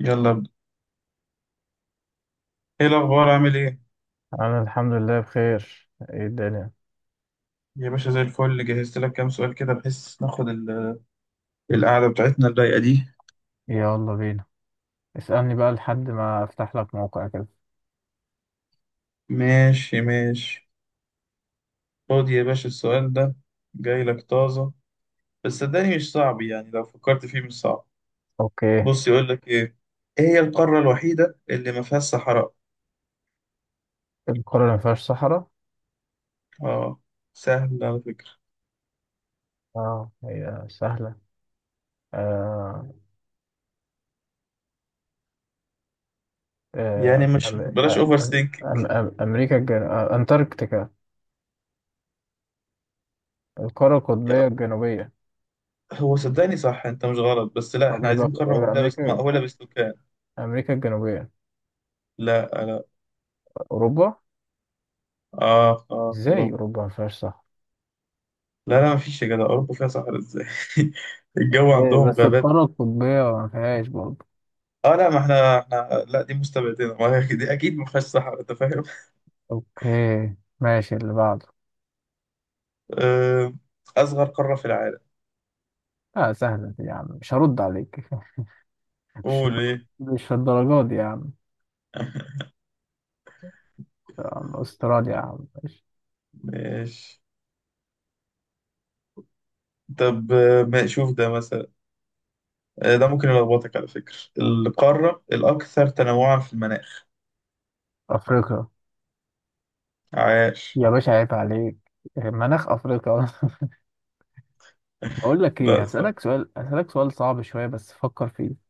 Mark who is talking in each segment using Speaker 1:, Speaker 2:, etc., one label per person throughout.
Speaker 1: يلا ابدأ. ايه الاخبار عامل ايه؟
Speaker 2: انا الحمد لله بخير. ايه الدنيا؟
Speaker 1: يا باشا زي الفل، جهزت لك كام سؤال كده بحيث ناخد القعده بتاعتنا الضيقه دي.
Speaker 2: يلا بينا. اسألني بقى لحد ما افتح لك موقع كده.
Speaker 1: ماشي ماشي. خد يا باشا السؤال ده، جاي لك طازه، بس صدقني مش صعب، يعني لو فكرت فيه مش صعب.
Speaker 2: اوكي.
Speaker 1: بص يقول لك ايه، ايه هي القاره الوحيده اللي ما فيهاش صحراء؟
Speaker 2: القارة اللي ما فيهاش صحراء؟
Speaker 1: اه سهل على فكره.
Speaker 2: اه هي سهلة. آه.
Speaker 1: يعني
Speaker 2: آه
Speaker 1: مش
Speaker 2: أم
Speaker 1: بلاش اوفر
Speaker 2: أم أم
Speaker 1: ثينك.
Speaker 2: أم امريكا الجن... آه، انتاركتيكا، القارة القطبية الجنوبية.
Speaker 1: هو صدقني صح، انت مش غلط، بس لا
Speaker 2: طب
Speaker 1: احنا
Speaker 2: ايه بقى
Speaker 1: عايزين قاره مأهوله، بس
Speaker 2: امريكا،
Speaker 1: مأهوله بالسكان.
Speaker 2: امريكا الجنوبية.
Speaker 1: لا لا
Speaker 2: اوروبا.
Speaker 1: اه اه
Speaker 2: ازاي
Speaker 1: اوروبا.
Speaker 2: اوروبا ما فيهاش صحراء؟
Speaker 1: لا لا مفيش يا جدع، أوروبا فيها صحراء إزاي؟ الجو
Speaker 2: إيه،
Speaker 1: عندهم
Speaker 2: بس
Speaker 1: غابات.
Speaker 2: القارة القطبية ما فيهاش برضه.
Speaker 1: اه لا، ما احنا لا دي مستبعدين، ما هي دي اكيد ما فيهاش صحراء، انت فاهم.
Speaker 2: اوكي ماشي اللي بعده.
Speaker 1: آه، اصغر قارة في العالم.
Speaker 2: اه سهلة دي يا عم، مش هرد عليك. مش
Speaker 1: قول ايه.
Speaker 2: مش الدرجات دي يا عم. يا عم استراليا يا عم ماشي.
Speaker 1: ماشي. طب ما شوف ده مثلا، ده ممكن يلخبطك على فكرة، القارة الأكثر تنوعا في المناخ.
Speaker 2: افريقيا.
Speaker 1: عاش.
Speaker 2: يا باشا عيب عليك، مناخ افريقيا. بقول لك ايه،
Speaker 1: لا صح،
Speaker 2: هسألك سؤال صعب شوية بس فكر فيه.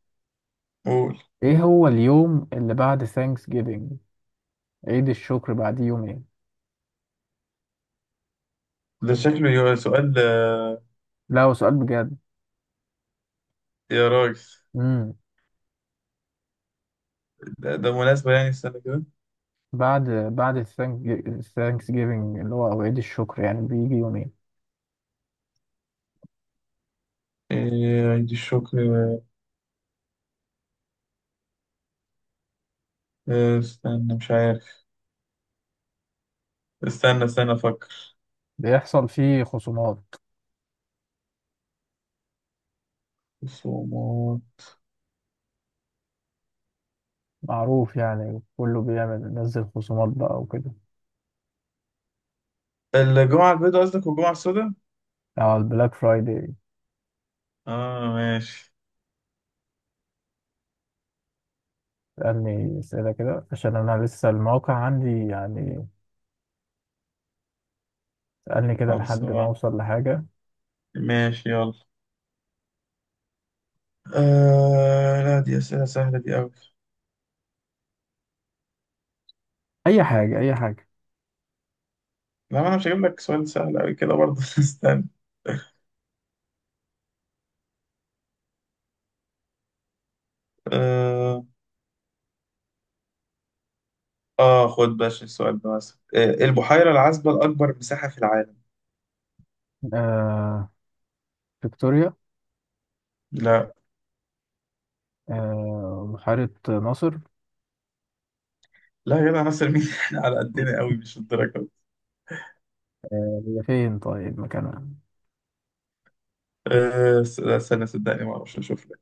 Speaker 1: قول.
Speaker 2: ايه هو اليوم اللي بعد ثانكس جيفنج؟ عيد الشكر بعد يومين.
Speaker 1: ده شكله سؤال.
Speaker 2: لا هو سؤال بجد.
Speaker 1: يا راجل.
Speaker 2: امم
Speaker 1: ده مناسبة يعني، استنى كده.
Speaker 2: بعد الثانكس جيفنج اللي هو أو عيد الشكر، يعني بيجي يومين.
Speaker 1: إيه عيد الشكر. استنى مش عارف، استنى استنى افكر.
Speaker 2: بيحصل فيه خصومات.
Speaker 1: خصومات.
Speaker 2: معروف يعني، كله بيعمل ينزل خصومات بقى وكده.
Speaker 1: الجمعة البيضاء قصدك والجمعة السوداء؟
Speaker 2: على البلاك فرايداي.
Speaker 1: اه ماشي.
Speaker 2: سألني أسئلة كده عشان أنا لسه الموقع عندي يعني. سألني كده
Speaker 1: خلص
Speaker 2: لحد ما
Speaker 1: بقى.
Speaker 2: أوصل لحاجة.
Speaker 1: ماشي يلا. آه لا دي أسئلة سهلة دي أوي.
Speaker 2: أي حاجة أي حاجة.
Speaker 1: لا ما أنا مش هجيب لك سؤال سهل أوي كده برضه استنى. آه, خد باش السؤال ده مثلا، البحيرة العذبة الأكبر مساحة في العالم.
Speaker 2: آه فيكتوريا.
Speaker 1: لا.
Speaker 2: بحيرة ناصر.
Speaker 1: لا يا جدع، ناصر مين احنا على قدنا أوي، مش الدرجة دي.
Speaker 2: هي فين طيب؟ مكانها
Speaker 1: لا استنى، صدقني ما أعرفش، أشوف لك.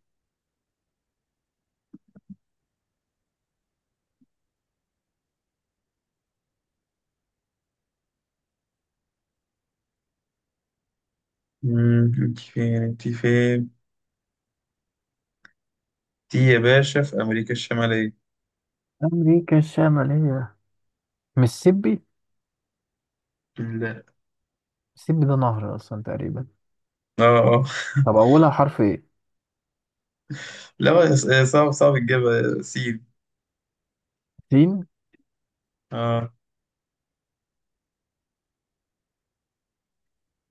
Speaker 1: أنت فين؟ دي يا باشا في أمريكا الشمالية.
Speaker 2: أمريكا الشمالية. ميسيبي.
Speaker 1: لا.
Speaker 2: ميسيبي ده نهر أصلا تقريبا.
Speaker 1: اه اه.
Speaker 2: طب أولها حرف إيه؟
Speaker 1: لا صعب صعب تجيبها سين.
Speaker 2: سين.
Speaker 1: اه.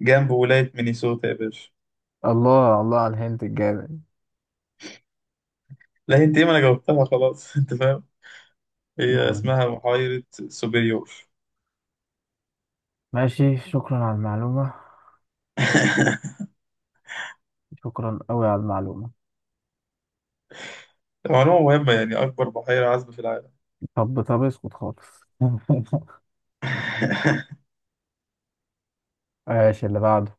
Speaker 1: جنب ولاية مينيسوتا يا باشا.
Speaker 2: الله الله على الهنت الجامد.
Speaker 1: لا انت ايه، ما انا جاوبتها خلاص انت فاهم. هي
Speaker 2: نعم.
Speaker 1: اسمها بحيرة سوبريور.
Speaker 2: ماشي، شكرا على المعلومة. شكرا أوي على المعلومة.
Speaker 1: معلومة مهمة يعني، أكبر بحيرة عذبة في العالم.
Speaker 2: طب طب اسكت خالص. ماشي اللي بعده.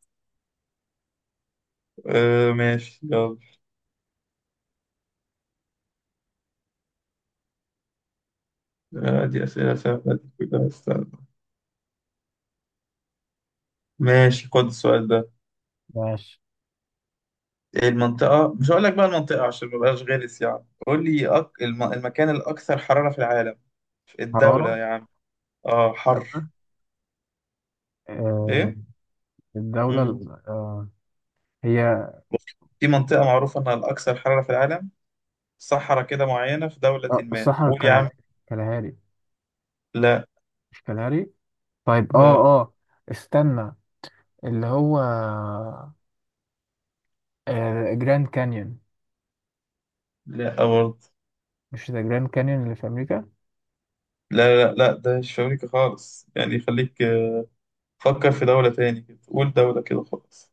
Speaker 1: ماشي يلا. آه دي أسئلة سهلة دي كلها، استنى. ماشي خد السؤال ده.
Speaker 2: ماشي.
Speaker 1: المنطقة مش هقول لك بقى المنطقة عشان ما بقاش غلس، يعني قول لي المكان الأكثر حرارة في العالم.
Speaker 2: حرارة.
Speaker 1: الدولة يعني. اه حر.
Speaker 2: دولة. آه
Speaker 1: إيه؟
Speaker 2: الدولة هي.
Speaker 1: في منطقة معروفة إنها الأكثر حرارة في العالم، صحراء كده معينة في دولة، ما
Speaker 2: الصحراء
Speaker 1: قول يا عم.
Speaker 2: الكالهاري. كالهاري.
Speaker 1: لا
Speaker 2: مش كالهاري. طيب. اه
Speaker 1: لا
Speaker 2: اه استنى، اللي هو جراند كانيون.
Speaker 1: لا برضه.
Speaker 2: مش ذا جراند كانيون اللي في أمريكا؟
Speaker 1: لا لا لا، ده مش في أمريكا خالص، يعني خليك، فكر في دولة تاني كده، قول دولة كده خالص.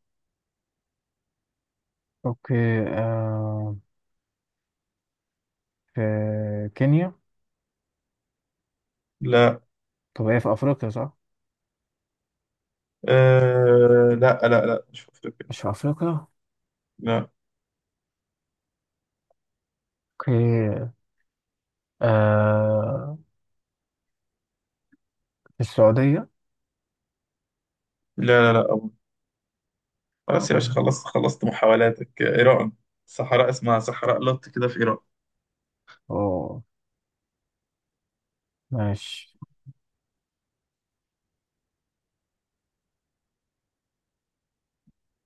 Speaker 2: اوكي. آه في كينيا.
Speaker 1: لا.
Speaker 2: طب هي في أفريقيا صح؟
Speaker 1: آه لا لا لا مش في أفريقيا.
Speaker 2: مش في أفريقيا.
Speaker 1: لا
Speaker 2: اوكي. آه في السعودية.
Speaker 1: لا لا لا أبو.
Speaker 2: اه.
Speaker 1: خلاص يا باشا، خلصت خلصت محاولاتك. إيران. صحراء اسمها صحراء لوط كده في إيران.
Speaker 2: آه، ماشي.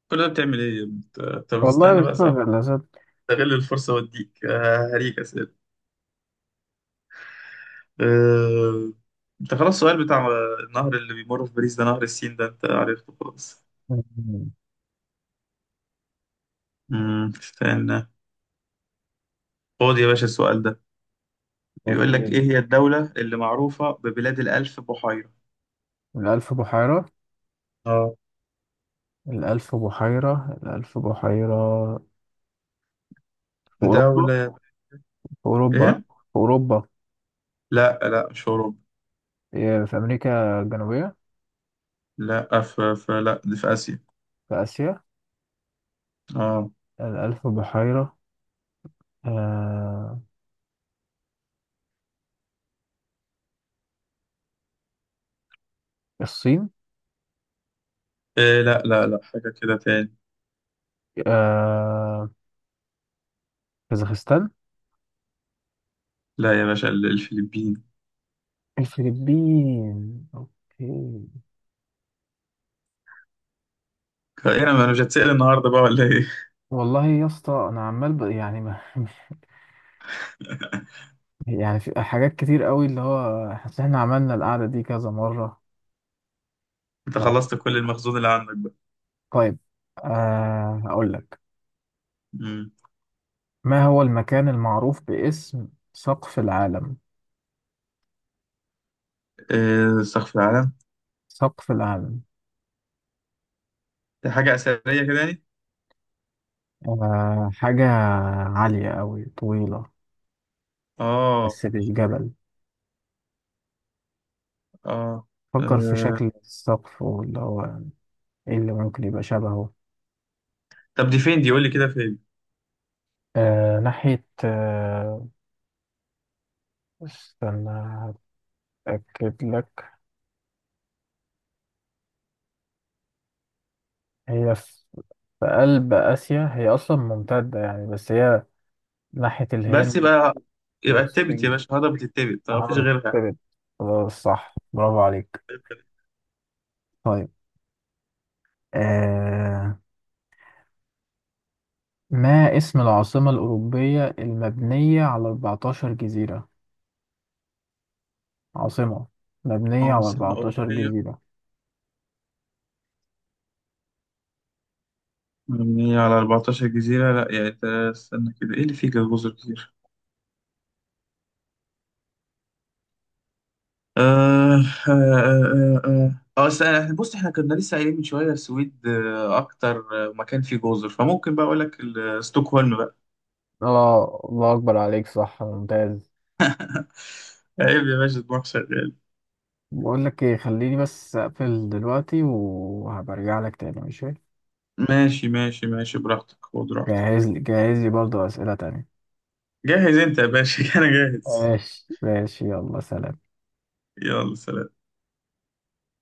Speaker 1: كل ده بتعمل إيه يا ابني؟ أنت
Speaker 2: والله
Speaker 1: بتستنى
Speaker 2: مش
Speaker 1: بقى صح.
Speaker 2: فاكر لازم.
Speaker 1: استغل الفرصة وأديك، هريك أسئلة. آه، انت خلاص السؤال بتاع النهر اللي بيمر في باريس، ده نهر السين، ده انت عرفته خلاص. استنى. خد يا باشا السؤال ده، بيقول لك
Speaker 2: اوكي.
Speaker 1: ايه هي الدولة اللي معروفة ببلاد الألف بحيرة.
Speaker 2: الألف بحيرة.
Speaker 1: اه
Speaker 2: الألف بحيرة الألف بحيرة. في أوروبا.
Speaker 1: دولة
Speaker 2: في أوروبا.
Speaker 1: ايه.
Speaker 2: في أوروبا.
Speaker 1: لا لا مش اوروبا.
Speaker 2: إيه، في أمريكا الجنوبية.
Speaker 1: لا في في لا دي في آسيا.
Speaker 2: في آسيا.
Speaker 1: اه.
Speaker 2: الألف بحيرة. آه الصين.
Speaker 1: إيه لا لا لا، حاجة كده تاني.
Speaker 2: آه كازاخستان.
Speaker 1: لا يا باشا، الفلبين.
Speaker 2: الفلبين أوكي.
Speaker 1: ايه أنا مش هتسأل النهارده بقى ولا ايه.
Speaker 2: والله يا اسطى أنا عمال يعني ما... يعني في حاجات كتير قوي اللي هو حاسس إن إحنا عملنا القعدة دي كذا مرة.
Speaker 1: انت
Speaker 2: ف...
Speaker 1: خلصت كل المخزون اللي عندك بقى.
Speaker 2: طيب، هقول لك.
Speaker 1: امم
Speaker 2: ما هو المكان المعروف باسم سقف العالم؟
Speaker 1: إيه سقف العالم؟
Speaker 2: سقف العالم.
Speaker 1: دي حاجة أثرية كده يعني؟
Speaker 2: حاجة عالية أوي، طويلة،
Speaker 1: آه
Speaker 2: بس مش جبل.
Speaker 1: آه
Speaker 2: فكر في
Speaker 1: آه.
Speaker 2: شكل السقف واللي هو إيه اللي ممكن يبقى شبهه.
Speaker 1: طب دي فين، دي قول لي كده فين.
Speaker 2: ناحية استنى. هتأكد لك. هي في في قلب آسيا، هي أصلا ممتدة يعني، بس هي ناحية
Speaker 1: بس
Speaker 2: الهند
Speaker 1: يبقى يبقى التبت يا
Speaker 2: والصين.
Speaker 1: باشا، هضبة التبت ما فيش
Speaker 2: هارد.
Speaker 1: غيرها.
Speaker 2: خلاص صح برافو عليك. طيب. آه ما اسم العاصمة الأوروبية المبنية على 14 جزيرة؟ عاصمة مبنية على
Speaker 1: عاصمة
Speaker 2: 14
Speaker 1: أوروبية
Speaker 2: جزيرة.
Speaker 1: مبنية على 14 جزيرة؟ لا يعني استنى كده، إيه اللي فيه جزر كتير. آه استنى، بص، إحنا كنا لسه قايلين من شوية السويد، أكتر مكان فيه جزر، فممكن بقى أقول لك ستوكهولم بقى.
Speaker 2: اه الله اكبر عليك، صح، ممتاز.
Speaker 1: عيب يا باشا، دماغ شغال.
Speaker 2: بقول لك ايه، خليني بس أقفل دلوقتي وهبرجع لك تاني ماشي.
Speaker 1: ماشي ماشي ماشي، براحتك خد راحتك.
Speaker 2: جهز لي جهز لي برضه أسئلة تانية.
Speaker 1: جاهز أنت يا باشا أنا جاهز.
Speaker 2: ماشي ماشي يلا سلام.
Speaker 1: يلا سلام.